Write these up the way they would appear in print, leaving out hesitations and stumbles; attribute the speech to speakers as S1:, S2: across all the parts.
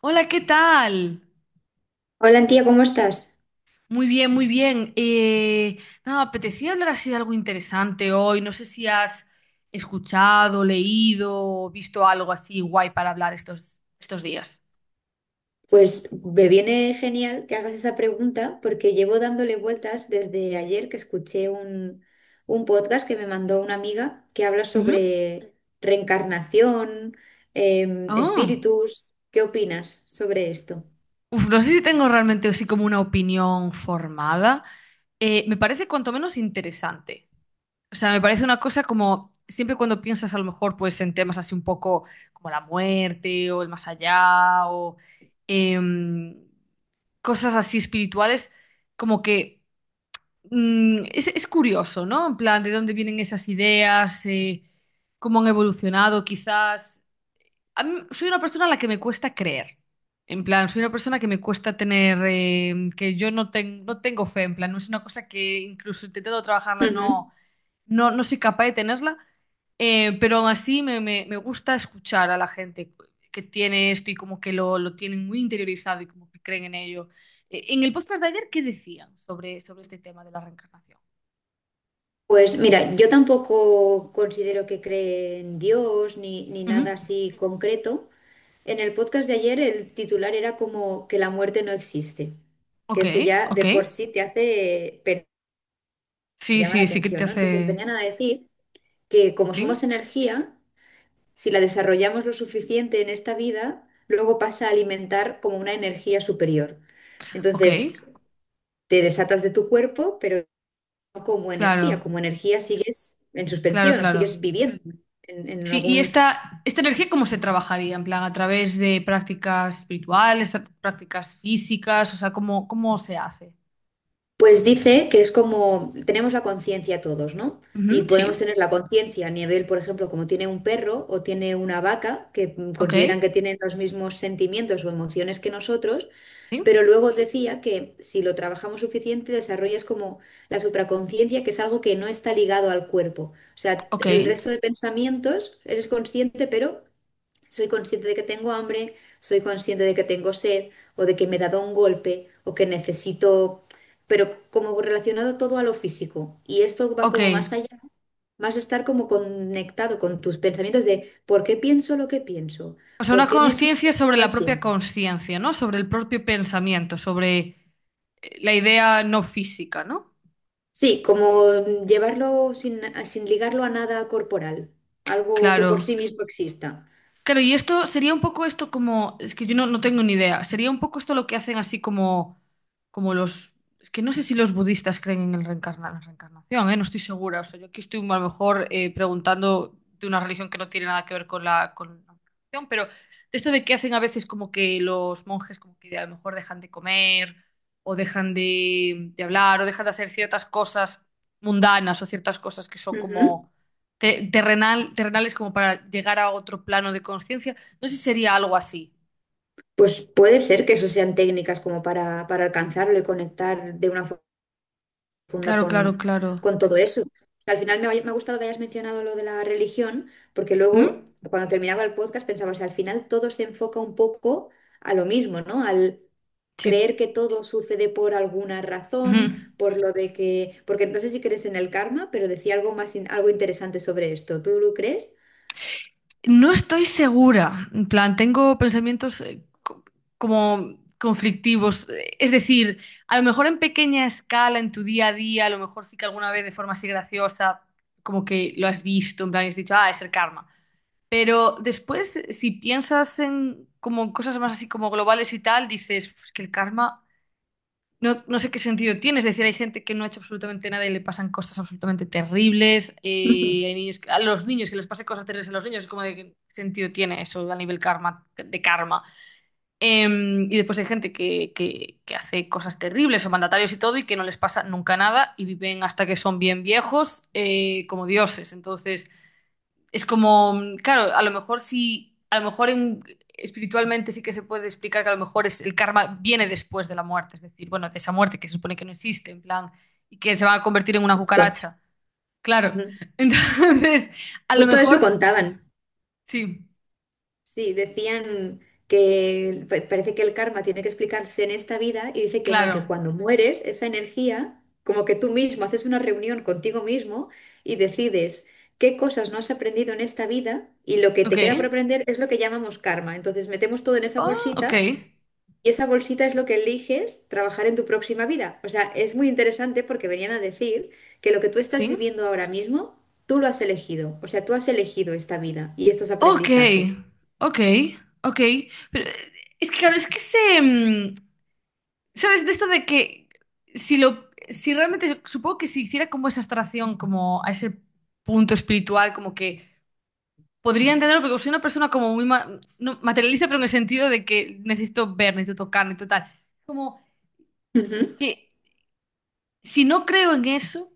S1: Hola, ¿qué tal?
S2: Hola, tía, ¿cómo estás?
S1: Muy bien, muy bien. Nada, me apetecía hablar así de algo interesante hoy. No sé si has escuchado, leído o visto algo así guay para hablar estos días.
S2: Pues me viene genial que hagas esa pregunta porque llevo dándole vueltas desde ayer que escuché un podcast que me mandó una amiga que habla
S1: Ujú.
S2: sobre reencarnación,
S1: Ah.
S2: espíritus. ¿Qué opinas sobre esto?
S1: Uf, no sé si tengo realmente así como una opinión formada. Me parece cuanto menos interesante. O sea, me parece una cosa como siempre cuando piensas a lo mejor pues en temas así un poco como la muerte o el más allá o em, cosas así espirituales, como que es curioso, ¿no? En plan, ¿de dónde vienen esas ideas? ¿Cómo han evolucionado quizás? Soy una persona a la que me cuesta creer. En plan, soy una persona que me cuesta tener, em, que yo no, ten- no tengo fe, en plan, no es una cosa que incluso intentando trabajarla
S2: Ujú.
S1: no soy capaz de tenerla, pero aún así me gusta escuchar a la gente que tiene esto y como que lo tienen muy interiorizado y como que creen en ello. En el podcast de ayer, ¿qué decían sobre este tema de la reencarnación?
S2: Pues mira, yo tampoco considero que cree en Dios ni
S1: Ujú.
S2: nada así concreto. En el podcast de ayer el titular era como que la muerte no existe, que
S1: Ok,
S2: eso ya
S1: ok.
S2: de por sí te hace
S1: Sí,
S2: llama la
S1: sí, sí que te
S2: atención, ¿no? Entonces
S1: hace...
S2: venían a decir que como somos
S1: ¿Sí?
S2: energía, si la desarrollamos lo suficiente en esta vida, luego pasa a alimentar como una energía superior.
S1: Ok,
S2: Entonces te desatas de tu cuerpo, pero no como energía,
S1: claro,
S2: como energía sigues en
S1: claro,
S2: suspensión o
S1: claro.
S2: sigues viviendo en
S1: Sí, y
S2: algún.
S1: esta energía, ¿cómo se trabajaría? En plan, a través de prácticas espirituales, prácticas físicas, o sea, ¿cómo se hace?
S2: Pues dice que es como tenemos la conciencia todos, ¿no?
S1: Ujú,
S2: Y podemos
S1: sí.
S2: tener la conciencia a nivel, por ejemplo, como tiene un perro o tiene una vaca, que
S1: Ok,
S2: consideran que tienen los mismos sentimientos o emociones que nosotros,
S1: sí,
S2: pero luego decía que si lo trabajamos suficiente, desarrollas como la supraconciencia, que es algo que no está ligado al cuerpo. O sea,
S1: ok,
S2: el resto de pensamientos eres consciente, pero soy consciente de que tengo hambre, soy consciente de que tengo sed o de que me he dado un golpe o que necesito, pero como relacionado todo a lo físico. Y esto va
S1: ok.
S2: como más allá, más estar como conectado con tus pensamientos de por qué pienso lo que pienso,
S1: O sea,
S2: por
S1: una
S2: qué me siento
S1: conciencia
S2: como
S1: sobre
S2: me
S1: la propia
S2: siento.
S1: conciencia, ¿no? Sobre el propio pensamiento, sobre la idea no física, ¿no?
S2: Sí, como llevarlo sin ligarlo a nada corporal, algo que por sí
S1: Claro.
S2: mismo exista.
S1: Claro, y esto sería un poco esto como, es que yo no, no tengo ni idea, sería un poco esto lo que hacen así como, como los, es que no sé si los budistas creen en el la reencarnación, ¿eh? No estoy segura, o sea, yo aquí estoy a lo mejor preguntando de una religión que no tiene nada que ver con la religión, pero esto de que hacen a veces como que los monjes como que a lo mejor dejan de comer o dejan de hablar o dejan de hacer ciertas cosas mundanas o ciertas cosas que son
S2: Ujú.
S1: como terrenal es como para llegar a otro plano de conciencia. No sé si sería algo así.
S2: Pues puede ser que eso sean técnicas como para alcanzarlo y conectar de una forma profunda
S1: Claro, claro, claro.
S2: con todo eso. Al final me ha gustado que hayas mencionado lo de la religión, porque
S1: ¿Mm?
S2: luego, cuando terminaba el podcast, pensaba, o sea, al final todo se enfoca un poco a lo mismo, ¿no? Al
S1: Sí.
S2: creer que todo sucede por alguna
S1: Ujú.
S2: razón, por lo de que, porque no sé si crees en el karma, pero decía algo más, algo interesante sobre esto. ¿Tú lo crees?
S1: No estoy segura. En plan, tengo pensamientos como conflictivos. Es decir, a lo mejor en pequeña escala, en tu día a día, a lo mejor sí que alguna vez de forma así graciosa, como que lo has visto, en plan, y has dicho, ah, es el karma. Pero después, si piensas en como en cosas más así como globales y tal, dices, "Uf, es que el karma no, no sé qué sentido tiene". Es decir, hay gente que no ha hecho absolutamente nada y le pasan cosas absolutamente terribles. Hay niños a los niños que les pasan cosas terribles a los niños. Es como de qué sentido tiene eso a nivel karma, de karma. Eh, y después hay gente que hace cosas terribles o mandatarios y todo y que no les pasa nunca nada y viven hasta que son bien viejos, como dioses. Entonces... Es como, claro, a lo mejor sí, a lo mejor en- espiritualmente sí que se puede explicar que a lo mejor es, el karma viene después de la muerte, es decir, bueno, de esa muerte que se supone que no existe, en plan, y que se va a convertir en una
S2: Justo
S1: cucaracha. Claro. Entonces, a lo
S2: Justo eso
S1: mejor,
S2: contaban.
S1: sí,
S2: Sí, decían que parece que el karma tiene que explicarse en esta vida y dice que no, que
S1: claro.
S2: cuando mueres, esa energía, como que tú mismo haces una reunión contigo mismo y decides qué cosas no has aprendido en esta vida y lo que
S1: Ok.
S2: te queda por aprender es lo que llamamos karma. Entonces metemos todo en esa
S1: Oh, ok.
S2: bolsita y esa bolsita es lo que eliges trabajar en tu próxima vida. O sea, es muy interesante porque venían a decir que lo que tú estás
S1: Sí.
S2: viviendo ahora mismo, tú lo has elegido. O sea, tú has elegido esta vida y estos
S1: Ok.
S2: aprendizajes.
S1: Ok. Ok. Pero es que, claro, es que se, ¿sabes? De esto de que si lo, si realmente, supongo que si hiciera como esa abstracción, como a ese punto espiritual, como que podría entenderlo, porque soy una persona como no, materialista, pero en el sentido de que necesito ver, necesito tocar, necesito tal. Como
S2: Ujú.
S1: que si no creo en eso,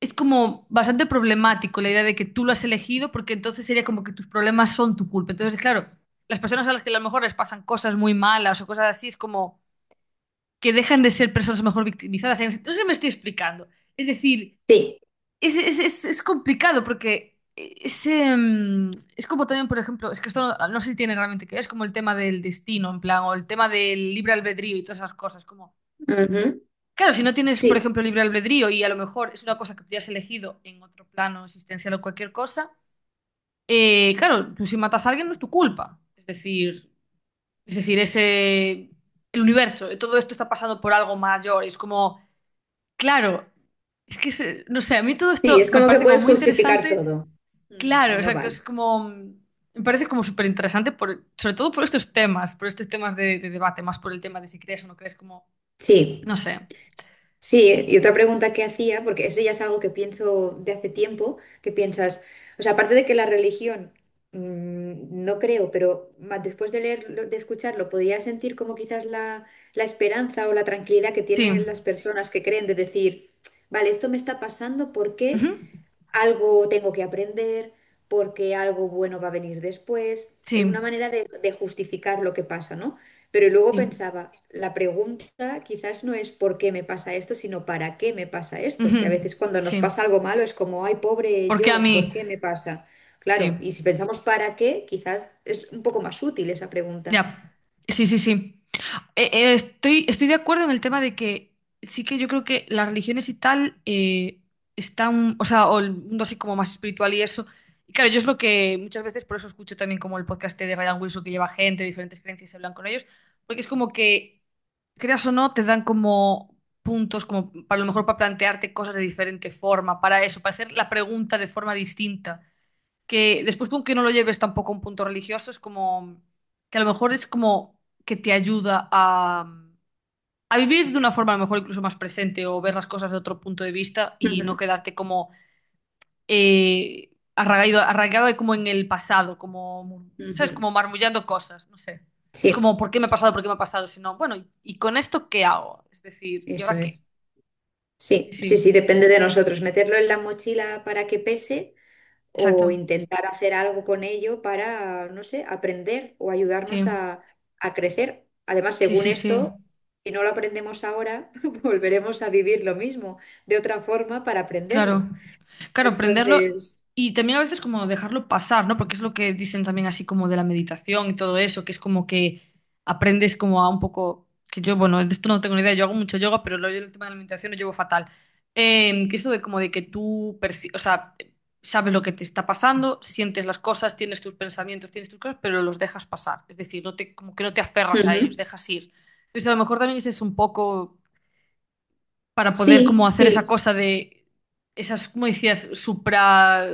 S1: es como bastante problemático la idea de que tú lo has elegido, porque entonces sería como que tus problemas son tu culpa. Entonces, claro, las personas a las que a lo mejor les pasan cosas muy malas o cosas así, es como que dejan de ser personas mejor victimizadas. No sé si me estoy explicando. Es decir,
S2: Sí,
S1: es complicado porque es como también, por ejemplo, es que esto no, no sé si tiene realmente que ver, es como el tema del destino, en plan, o el tema del libre albedrío y todas esas cosas. Como,
S2: ujú.
S1: claro, si no tienes, por
S2: Sí,
S1: ejemplo, libre albedrío y a lo mejor es una cosa que tú ya has elegido en otro plano existencial o cualquier cosa, claro, tú si matas a alguien no es tu culpa. Es decir, es decir, ese, el universo, todo esto está pasando por algo mayor. Y es como... Claro, es que, no sé, a mí todo
S2: sí,
S1: esto
S2: es
S1: me
S2: como que
S1: parece como
S2: puedes
S1: muy
S2: justificar
S1: interesante.
S2: todo. Ujú,
S1: Claro,
S2: y no
S1: exacto, es
S2: vale.
S1: como, me parece como súper interesante, por, sobre todo por estos temas de debate, más por el tema de si crees o no crees, como,
S2: Sí,
S1: no sé.
S2: sí, y otra pregunta que hacía, porque eso ya es algo que pienso de hace tiempo, que piensas, o sea, aparte de que la religión, no creo, pero después de leerlo, de escucharlo, podía sentir como quizás la esperanza o la tranquilidad que
S1: Sí,
S2: tienen las personas que creen de decir, vale, esto me está pasando, ¿por qué?
S1: ujú.
S2: Algo tengo que aprender porque algo bueno va a venir después.
S1: Sí,
S2: Una manera de justificar lo que pasa, ¿no? Pero luego
S1: sí,
S2: pensaba, la pregunta quizás no es por qué me pasa esto, sino para qué me pasa esto. Que a
S1: ujú.
S2: veces cuando nos
S1: Sí.
S2: pasa algo malo es como, ay, pobre
S1: ¿Por qué a
S2: yo, ¿por
S1: mí?
S2: qué me pasa? Claro,
S1: Sí,
S2: y si pensamos para qué, quizás es un poco más útil esa pregunta.
S1: ya, sí, sí, sí. Estoy de acuerdo en el tema de que sí que yo creo que las religiones y tal están, o sea, o el mundo así como más espiritual y eso. Y claro, yo es lo que muchas veces, por eso escucho también como el podcast de Ryan Wilson que lleva gente de diferentes creencias y hablan con ellos, porque es como que, creas o no, te dan como puntos, como para a lo mejor para plantearte cosas de diferente forma, para eso, para hacer la pregunta de forma distinta que después tú aunque no lo lleves tampoco a un punto religioso, es como que a lo mejor es como que te ayuda a vivir de una forma a lo mejor incluso más presente o ver las cosas de otro punto de vista y
S2: Ujú,
S1: no quedarte como arraigado como en el pasado, como, ¿sabes?
S2: ujú.
S1: Como marmullando cosas, no sé. Es como,
S2: Sí,
S1: ¿por qué me ha pasado? ¿Por qué me ha pasado? Sino, bueno, ¿y con esto qué hago? Es decir, ¿y
S2: eso
S1: ahora qué?
S2: es.
S1: Sí,
S2: Sí, sí,
S1: sí,
S2: sí, depende de nosotros. Meterlo en la mochila para que pese o
S1: exacto.
S2: intentar hacer algo con ello para, no sé, aprender o
S1: Sí,
S2: ayudarnos a crecer. Además,
S1: sí,
S2: según
S1: sí, sí.
S2: esto, si no lo aprendemos ahora, volveremos a vivir lo mismo de otra forma para
S1: Claro,
S2: aprenderlo.
S1: claro, aprenderlo
S2: Entonces,
S1: y también a veces como dejarlo pasar, ¿no? Porque es lo que dicen también así como de la meditación y todo eso, que es como que aprendes como a un poco, que yo, bueno, de esto no tengo ni idea, yo hago mucho yoga, pero yo el tema de la meditación lo llevo fatal. Que esto de como de que tú, o sea, sabes lo que te está pasando, sientes las cosas, tienes tus pensamientos, tienes tus cosas, pero los dejas pasar, es decir, no te, como que no te aferras a ellos,
S2: ujú.
S1: dejas ir. Entonces a lo mejor también ese es un poco para poder
S2: Sí,
S1: como hacer esa
S2: sí,
S1: cosa de esas, como decías, supra,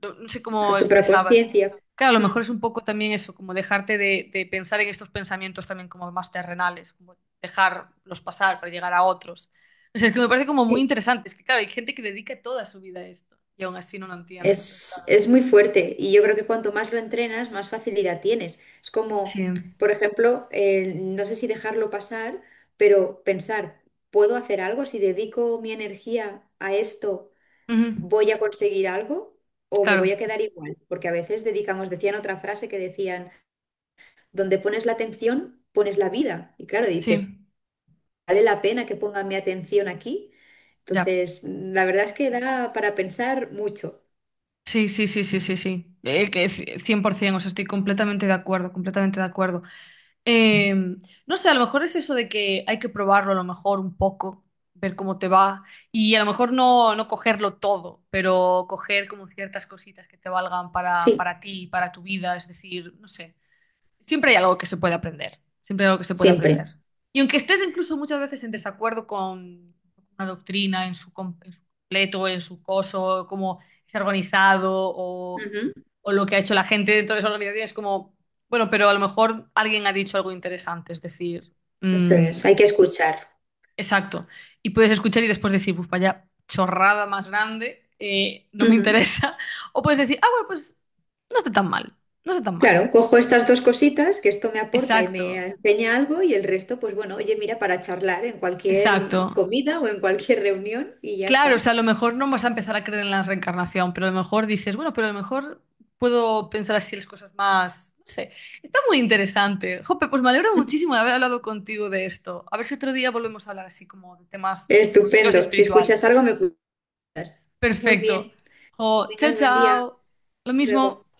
S1: no, no sé
S2: la
S1: cómo expresabas.
S2: supraconsciencia.
S1: Claro, a lo mejor
S2: Mm,
S1: es un poco también eso, como dejarte de pensar en estos pensamientos también como más terrenales, como dejarlos pasar para llegar a otros. O sea, es que me parece como muy
S2: sí.
S1: interesante. Es que, claro, hay gente que dedica toda su vida a esto y aún así no lo entiende. Entonces,
S2: Es,
S1: claro.
S2: es muy fuerte y yo creo que cuanto más lo entrenas, más facilidad tienes. Es
S1: Sí.
S2: como, por ejemplo, no sé si dejarlo pasar, pero pensar, ¿puedo hacer algo? Si dedico mi energía a esto,
S1: Ujú.
S2: ¿voy a conseguir algo o me voy a
S1: Claro.
S2: quedar igual? Porque a veces dedicamos, decían otra frase que decían, donde pones la atención, pones la vida. Y claro, dices,
S1: Sí.
S2: ¿vale la pena que ponga mi atención aquí?
S1: Ya.
S2: Entonces, la verdad es que da para pensar mucho.
S1: Sí, sí, sí, sí, sí, sí. 100%, o sea, estoy completamente de acuerdo, completamente de acuerdo. Eh, no sé, a lo mejor es eso de que hay que probarlo a lo mejor un poco, ver cómo te va y a lo mejor no, no cogerlo todo, pero coger como ciertas cositas que te valgan para,
S2: Sí,
S1: para ti, para tu vida, es decir, no sé siempre hay algo que se puede aprender, siempre hay algo que se puede
S2: siempre.
S1: aprender. Y aunque estés incluso muchas veces en desacuerdo con una doctrina en su, en su completo, en su coso, cómo es organizado
S2: Ujú,
S1: o lo que ha hecho la gente dentro de esa organización, es como, bueno, pero a lo mejor alguien ha dicho algo interesante, es decir,
S2: eso es,
S1: mm,
S2: hay que escuchar.
S1: exacto. Y puedes escuchar y después decir, pues vaya chorrada más grande, no me
S2: Ujú.
S1: interesa. O puedes decir, ah, bueno, pues no está tan mal, no está tan mal.
S2: Claro, cojo estas dos cositas, que esto me aporta y me
S1: Exacto.
S2: enseña algo, y el resto, pues bueno, oye, mira, para charlar en cualquier
S1: Exacto.
S2: comida o en cualquier reunión y ya
S1: Claro, o
S2: está.
S1: sea, a lo mejor no vas a empezar a creer en la reencarnación, pero a lo mejor dices, bueno, pero a lo mejor puedo pensar así las cosas más. No sé. Está muy interesante. Jope, pues me alegro muchísimo de haber hablado contigo de esto. A ver si otro día volvemos a hablar así como de temas religiosos y
S2: Estupendo. Si escuchas
S1: espirituales.
S2: algo, me cuentas. Muy
S1: Perfecto.
S2: bien. Que
S1: Jo, chao,
S2: tengas buen día. Hasta
S1: chao. Lo
S2: luego.
S1: mismo.